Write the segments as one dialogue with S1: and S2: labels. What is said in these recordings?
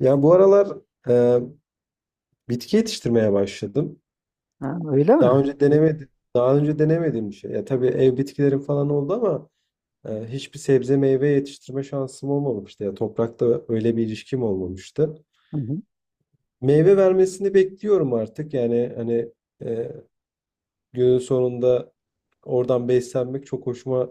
S1: Ya bu aralar e, bitki yetiştirmeye başladım.
S2: Ha, öyle mi?
S1: Daha önce denemedim. Daha önce denemediğim bir şey. Ya tabii ev bitkilerim falan oldu ama hiçbir sebze meyve yetiştirme şansım olmamıştı. Ya toprakta öyle bir ilişkim olmamıştı.
S2: Hı hı.
S1: Meyve vermesini bekliyorum artık. Yani hani e, günün sonunda oradan beslenmek çok hoşuma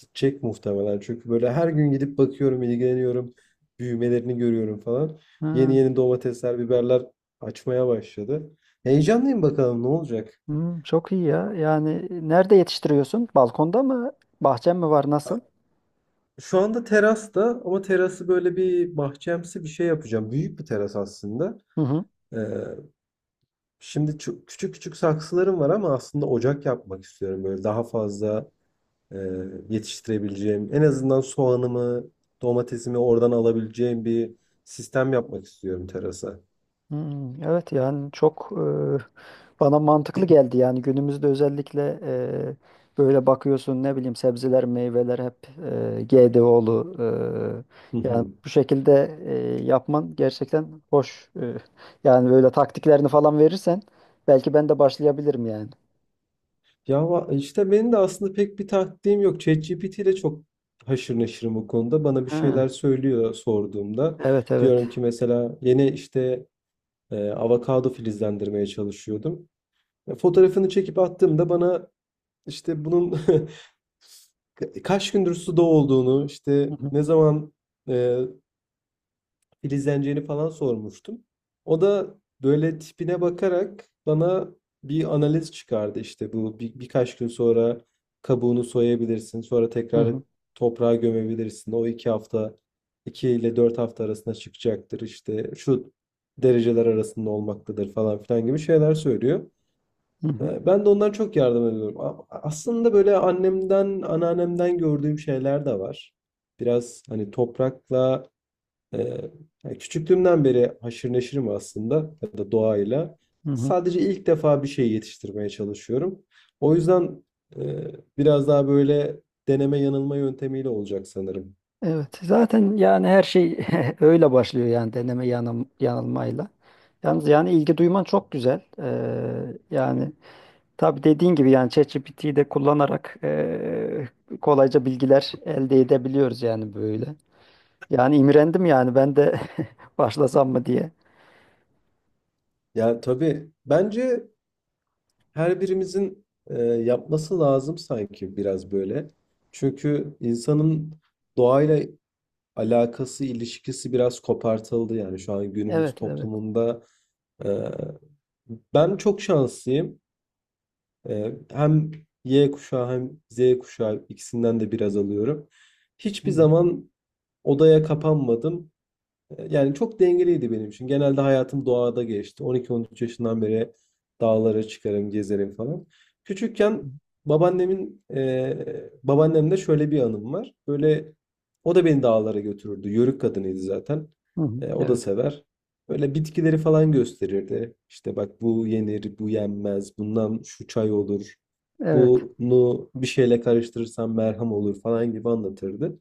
S1: gidecek muhtemelen. Çünkü böyle her gün gidip bakıyorum, ilgileniyorum, büyümelerini görüyorum falan. Yeni
S2: Ha,
S1: yeni domatesler, biberler açmaya başladı. Heyecanlıyım, bakalım ne olacak.
S2: hı, çok iyi ya. Yani, nerede yetiştiriyorsun? Balkonda mı? Bahçen mi var? Nasıl?
S1: Şu anda terasta ama terası böyle bir bahçemsi bir şey yapacağım. Büyük bir teras aslında.
S2: Hı hı.
S1: Ee, şimdi küçük küçük saksılarım var ama aslında ocak yapmak istiyorum. Böyle daha fazla e, yetiştirebileceğim, en azından soğanımı, domatesimi oradan alabileceğim bir sistem yapmak istiyorum terasa.
S2: Hı, evet yani çok, bana mantıklı geldi yani günümüzde, özellikle böyle bakıyorsun ne bileyim, sebzeler meyveler hep GDO'lu.
S1: Hı
S2: Yani
S1: hı.
S2: bu şekilde yapman gerçekten hoş. Yani böyle taktiklerini falan verirsen, belki ben de başlayabilirim yani.
S1: Ya işte benim de aslında pek bir taktiğim yok. ChatGPT ile çok haşır neşirim o konuda. Bana bir
S2: Ha,
S1: şeyler söylüyor sorduğumda.
S2: evet evet.
S1: Diyorum ki mesela yeni işte avokado filizlendirmeye çalışıyordum. Fotoğrafını çekip attığımda bana işte bunun kaç gündür suda olduğunu, işte
S2: Hı hı.
S1: ne zaman e, filizleneceğini falan sormuştum. O da böyle tipine bakarak bana bir analiz çıkardı. İşte bu birkaç gün sonra kabuğunu soyabilirsin, sonra
S2: Hı
S1: tekrar
S2: hı.
S1: toprağa gömebilirsin. O iki ile dört hafta arasında çıkacaktır, işte şu dereceler arasında olmaktadır falan filan gibi şeyler söylüyor.
S2: Hı hı,
S1: Ben de ondan çok yardım ediyorum. Aslında böyle annemden, anneannemden gördüğüm şeyler de var. Biraz hani toprakla ee, yani küçüklüğümden beri haşır neşirim aslında, ya da doğayla.
S2: hı hı.
S1: Sadece ilk defa bir şey yetiştirmeye çalışıyorum. O yüzden e, biraz daha böyle deneme yanılma yöntemiyle olacak sanırım.
S2: Evet, zaten yani her şey öyle başlıyor yani, deneme yanılmayla. Yalnız yani ilgi duyman çok güzel. Yani tabii dediğin gibi yani, ChatGPT'yi de kullanarak kolayca bilgiler elde edebiliyoruz yani böyle. Yani imrendim yani, ben de başlasam mı diye.
S1: Yani tabii bence her birimizin yapması lazım sanki, biraz böyle. Çünkü insanın doğayla alakası, ilişkisi biraz kopartıldı yani şu an günümüz
S2: Evet, evet.
S1: toplumunda. e, ben çok şanslıyım. Hem Y kuşağı hem Z kuşağı, ikisinden de biraz alıyorum.
S2: Hı
S1: Hiçbir
S2: hı,
S1: zaman odaya kapanmadım. Yani çok dengeliydi benim için. Genelde hayatım doğada geçti. 12-13 yaşından beri dağlara çıkarım, gezerim falan. Küçükken babaannemde şöyle bir anım var. Böyle o da beni dağlara götürürdü. Yörük kadınıydı zaten.
S2: hı hı.
S1: O da
S2: Evet,
S1: sever. Böyle bitkileri falan gösterirdi. İşte bak, bu yenir, bu yenmez, bundan şu çay olur.
S2: evet,
S1: Bunu bir şeyle karıştırırsan merhem olur falan gibi anlatırdı.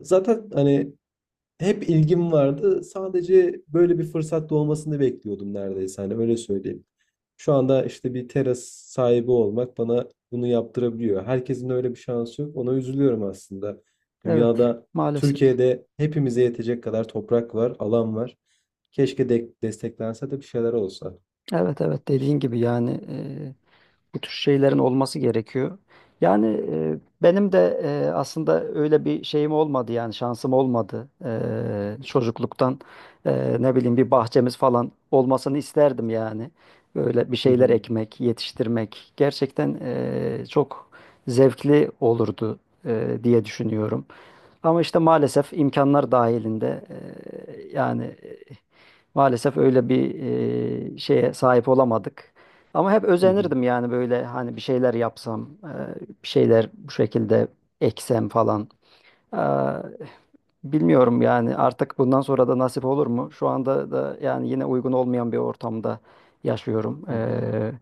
S1: Zaten hani hep ilgim vardı. Sadece böyle bir fırsat doğmasını bekliyordum neredeyse. Hani öyle söyleyeyim. Şu anda işte bir teras sahibi olmak bana bunu yaptırabiliyor. Herkesin öyle bir şansı yok. Ona üzülüyorum aslında.
S2: evet.
S1: Dünyada,
S2: Maalesef.
S1: Türkiye'de hepimize yetecek kadar toprak var, alan var. Keşke de desteklense de bir şeyler olsa.
S2: Evet, evet, dediğin gibi yani. Bu tür şeylerin olması gerekiyor. Yani, benim de aslında öyle bir şeyim olmadı yani, şansım olmadı. Çocukluktan ne bileyim, bir bahçemiz falan olmasını isterdim yani. Böyle bir
S1: Hı
S2: şeyler
S1: hı,
S2: ekmek, yetiştirmek gerçekten çok zevkli olurdu diye düşünüyorum. Ama işte maalesef imkanlar dahilinde, yani maalesef öyle bir şeye sahip olamadık. Ama hep
S1: hı hı,
S2: özenirdim yani, böyle hani bir şeyler yapsam, bir şeyler bu şekilde eksem falan. Eee, bilmiyorum yani, artık bundan sonra da nasip olur mu? Şu anda da yani yine uygun olmayan bir ortamda yaşıyorum.
S1: hı hı.
S2: Eee,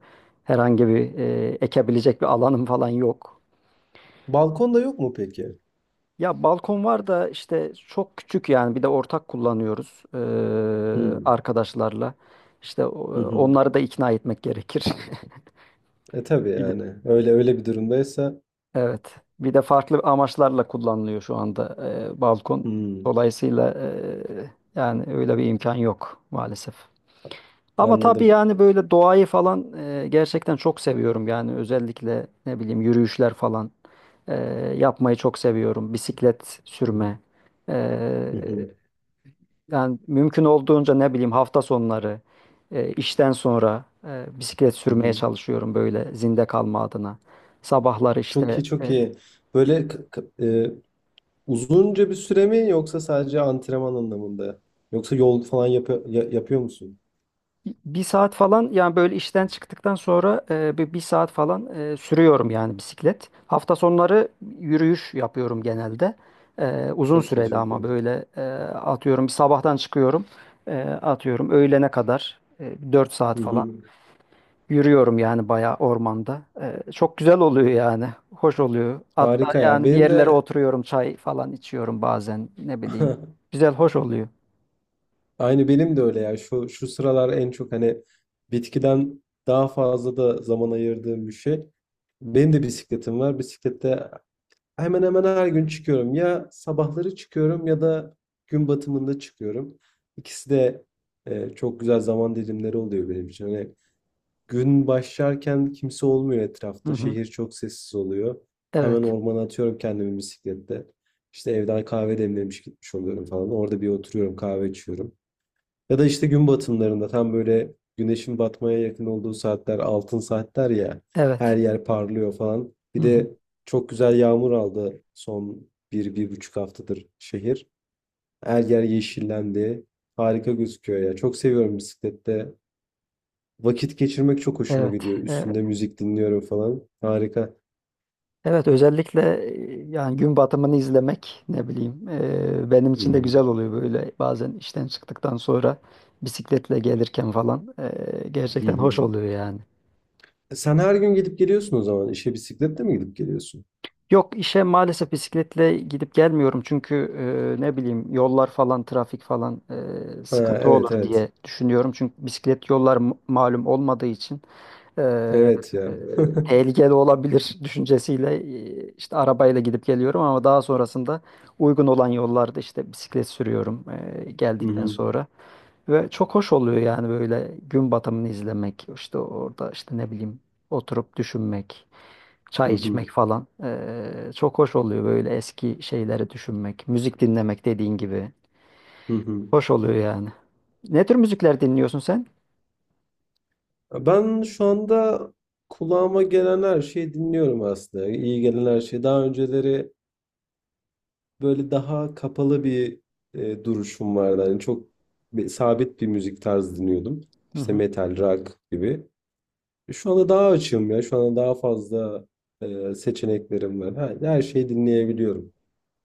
S2: herhangi bir ekebilecek bir alanım falan yok.
S1: Balkonda yok mu peki?
S2: Ya balkon var da işte çok küçük yani, bir de ortak kullanıyoruz
S1: Hı,
S2: arkadaşlarla. İşte
S1: hı hı.
S2: onları da ikna etmek gerekir.
S1: E tabii
S2: Bir de-
S1: yani. Öyle öyle bir durumdaysa.
S2: Evet. Bir de farklı amaçlarla kullanılıyor şu anda balkon.
S1: Hı,
S2: Dolayısıyla, yani öyle bir imkan yok maalesef. Ama tabii
S1: anladım.
S2: yani, böyle doğayı falan gerçekten çok seviyorum. Yani özellikle ne bileyim, yürüyüşler falan eee, yapmayı çok seviyorum. Bisiklet
S1: Hı hı,
S2: sürme.
S1: hı hı.
S2: Yani mümkün olduğunca, ne bileyim, hafta sonları işten sonra bisiklet
S1: Hı
S2: sürmeye
S1: hı.
S2: çalışıyorum, böyle zinde kalma adına. Sabahları
S1: Çok
S2: işte
S1: iyi, çok iyi. Böyle uzunca bir süre mi, yoksa sadece antrenman anlamında? Yoksa yol falan yapıyor musun?
S2: bir saat falan yani, böyle işten çıktıktan sonra bir saat falan sürüyorum yani, bisiklet. Hafta sonları yürüyüş yapıyorum genelde. Uzun
S1: Çok iyi,
S2: süreli
S1: çok
S2: ama
S1: iyi.
S2: böyle, atıyorum sabahtan çıkıyorum, atıyorum öğlene kadar 4
S1: Hı
S2: saat falan
S1: hı.
S2: yürüyorum yani, bayağı ormanda. Çok güzel oluyor yani. Hoş oluyor. Hatta
S1: Harika ya.
S2: yani, bir
S1: Benim
S2: yerlere
S1: de
S2: oturuyorum, çay falan içiyorum bazen. Ne bileyim. Güzel, hoş oluyor.
S1: aynı benim de öyle ya. Şu sıralar en çok hani bitkiden daha fazla da zaman ayırdığım bir şey. Benim de bisikletim var. Bisiklette hemen hemen her gün çıkıyorum. Ya sabahları çıkıyorum, ya da gün batımında çıkıyorum. İkisi de çok güzel zaman dilimleri oluyor benim için. Hani gün başlarken kimse olmuyor
S2: Hı
S1: etrafta.
S2: hı.
S1: Şehir çok sessiz oluyor. Hemen
S2: Evet.
S1: ormana atıyorum kendimi bisiklette. İşte evden kahve demlemiş gitmiş oluyorum falan. Orada bir oturuyorum, kahve içiyorum. Ya da işte gün batımlarında, tam böyle güneşin batmaya yakın olduğu saatler, altın saatler ya, her
S2: Evet.
S1: yer parlıyor falan.
S2: Hı
S1: Bir
S2: hı.
S1: de çok güzel yağmur aldı son bir buçuk haftadır şehir. Her yer yeşillendi. Harika gözüküyor ya. Çok seviyorum bisiklette vakit geçirmek, çok hoşuma
S2: Evet.
S1: gidiyor.
S2: Ee,
S1: Üstünde müzik dinliyorum falan. Harika.
S2: evet özellikle yani gün batımını izlemek, ne bileyim, benim
S1: Hı
S2: için de
S1: hı.
S2: güzel oluyor, böyle bazen işten çıktıktan sonra bisikletle gelirken falan
S1: Hı
S2: gerçekten hoş
S1: hı.
S2: oluyor yani.
S1: Sen her gün gidip geliyorsun o zaman. İşe bisikletle mi gidip geliyorsun?
S2: Yok, işe maalesef bisikletle gidip gelmiyorum, çünkü ne bileyim, yollar falan, trafik falan,
S1: Ha,
S2: sıkıntı olur
S1: evet evet.
S2: diye düşünüyorum. Çünkü bisiklet yollar malum olmadığı için, e,
S1: Evet
S2: e,
S1: ya.
S2: tehlikeli olabilir düşüncesiyle, işte arabayla gidip geliyorum, ama daha sonrasında uygun olan yollarda işte bisiklet sürüyorum
S1: Hı
S2: geldikten
S1: hı.
S2: sonra. Ve çok hoş oluyor yani, böyle gün batımını izlemek işte orada, işte ne bileyim, oturup düşünmek.
S1: Hı
S2: Çay içmek
S1: hı.
S2: falan. Çok hoş oluyor, böyle eski şeyleri düşünmek, müzik dinlemek, dediğin gibi.
S1: Hı hı.
S2: Hoş oluyor yani. Ne tür müzikler dinliyorsun sen?
S1: Ben şu anda kulağıma gelen her şeyi dinliyorum aslında. İyi gelen her şeyi. Daha önceleri böyle daha kapalı bir duruşum vardı. Yani çok sabit bir müzik tarzı dinliyordum.
S2: Hı
S1: İşte
S2: hı.
S1: metal, rock gibi. Şu anda daha açığım ya. Şu anda daha fazla seçeneklerim var. Her şeyi dinleyebiliyorum.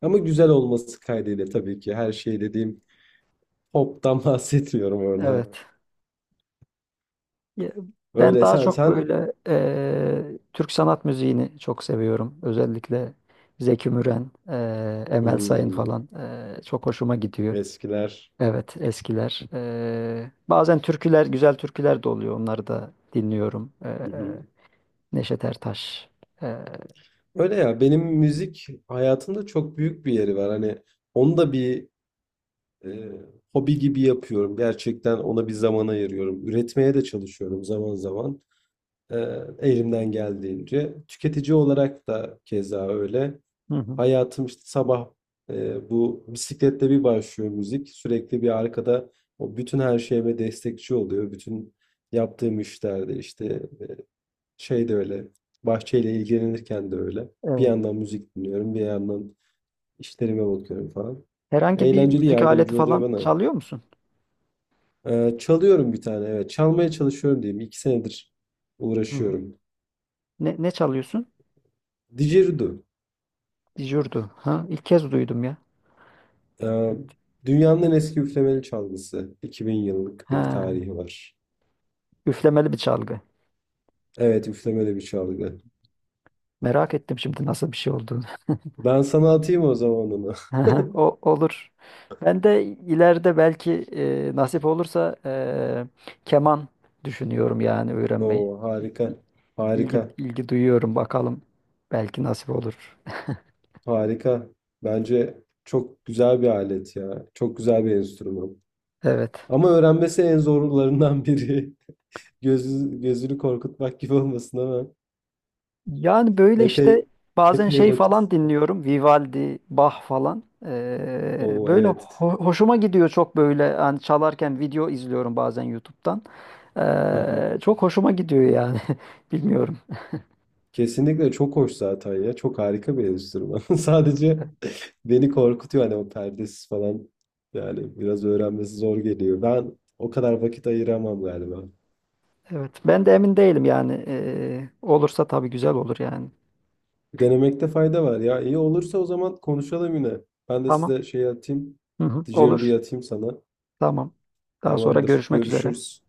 S1: Ama güzel olması kaydıyla tabii ki. Her şey dediğim, pop'tan bahsetmiyorum orada.
S2: Evet. Ya, ben
S1: Öyle
S2: daha
S1: sen
S2: çok
S1: sen
S2: böyle Türk sanat müziğini çok seviyorum. Özellikle Zeki Müren, Emel Sayın
S1: hmm,
S2: falan, çok hoşuma gidiyor.
S1: eskiler.
S2: Evet, eskiler. Bazen türküler, güzel türküler de oluyor. Onları da dinliyorum. Neşet Ertaş. Ee,
S1: Öyle ya, benim müzik hayatımda çok büyük bir yeri var. Hani onu da bir e, hobi gibi yapıyorum. Gerçekten ona bir zaman ayırıyorum. Üretmeye de çalışıyorum zaman zaman. E, elimden geldiğince. Tüketici olarak da keza öyle.
S2: Hı hı.
S1: Hayatım işte sabah bu bisikletle bir başlıyor, müzik. Sürekli bir arkada, o bütün her şeyime destekçi oluyor. Bütün yaptığım işlerde işte, şey de öyle. Bahçeyle ilgilenirken de öyle. Bir
S2: Evet.
S1: yandan müzik dinliyorum, bir yandan işlerime bakıyorum falan.
S2: Herhangi bir
S1: Eğlenceli,
S2: müzik aleti
S1: yardımcı oluyor
S2: falan
S1: bana.
S2: çalıyor musun?
S1: Çalıyorum bir tane, evet. Çalmaya çalışıyorum diyeyim. İki senedir
S2: Hı hı.
S1: uğraşıyorum.
S2: Ne çalıyorsun?
S1: Didgeridoo.
S2: Dijurdu. Ha, ilk kez duydum ya.
S1: Ee, dünyanın en eski üflemeli çalgısı. 2.000 yıllık bir
S2: Ha,
S1: tarihi var.
S2: üflemeli bir çalgı.
S1: Evet, üflemeli bir çalgı.
S2: Merak ettim şimdi nasıl bir şey olduğunu.
S1: Ben sana atayım o zaman onu.
S2: Hı hı, o olur. Ben de ileride belki nasip olursa keman düşünüyorum yani, öğrenmeyi.
S1: Oo, harika.
S2: İ- İlgi
S1: Harika.
S2: ilgi duyuyorum bakalım. Belki nasip olur.
S1: Harika. Bence çok güzel bir alet ya. Çok güzel bir enstrüman.
S2: Evet.
S1: Ama öğrenmesi en zorlarından biri. Gözünü korkutmak gibi olmasın ama
S2: Yani böyle
S1: epey
S2: işte, bazen
S1: epey
S2: şey
S1: vakit.
S2: falan
S1: istiyor.
S2: dinliyorum. Vivaldi, Bach falan. Ee,
S1: Oo,
S2: böyle
S1: evet.
S2: hoşuma gidiyor çok, böyle hani çalarken video izliyorum bazen YouTube'dan. Ee, çok hoşuma gidiyor yani. Bilmiyorum.
S1: Kesinlikle çok hoş zaten ya. Çok harika bir enstrüman. Sadece beni korkutuyor hani, o perdesiz falan. Yani biraz öğrenmesi zor geliyor. Ben o kadar vakit ayıramam galiba.
S2: Evet. Ben de emin değilim yani. Olursa tabii güzel olur yani.
S1: Denemekte fayda var ya. İyi olursa o zaman konuşalım yine. Ben de
S2: Tamam.
S1: size şey atayım.
S2: Hı hı, olur.
S1: Didgeridoo'yu atayım sana.
S2: Tamam. Daha sonra
S1: Tamamdır.
S2: görüşmek üzere.
S1: Görüşürüz.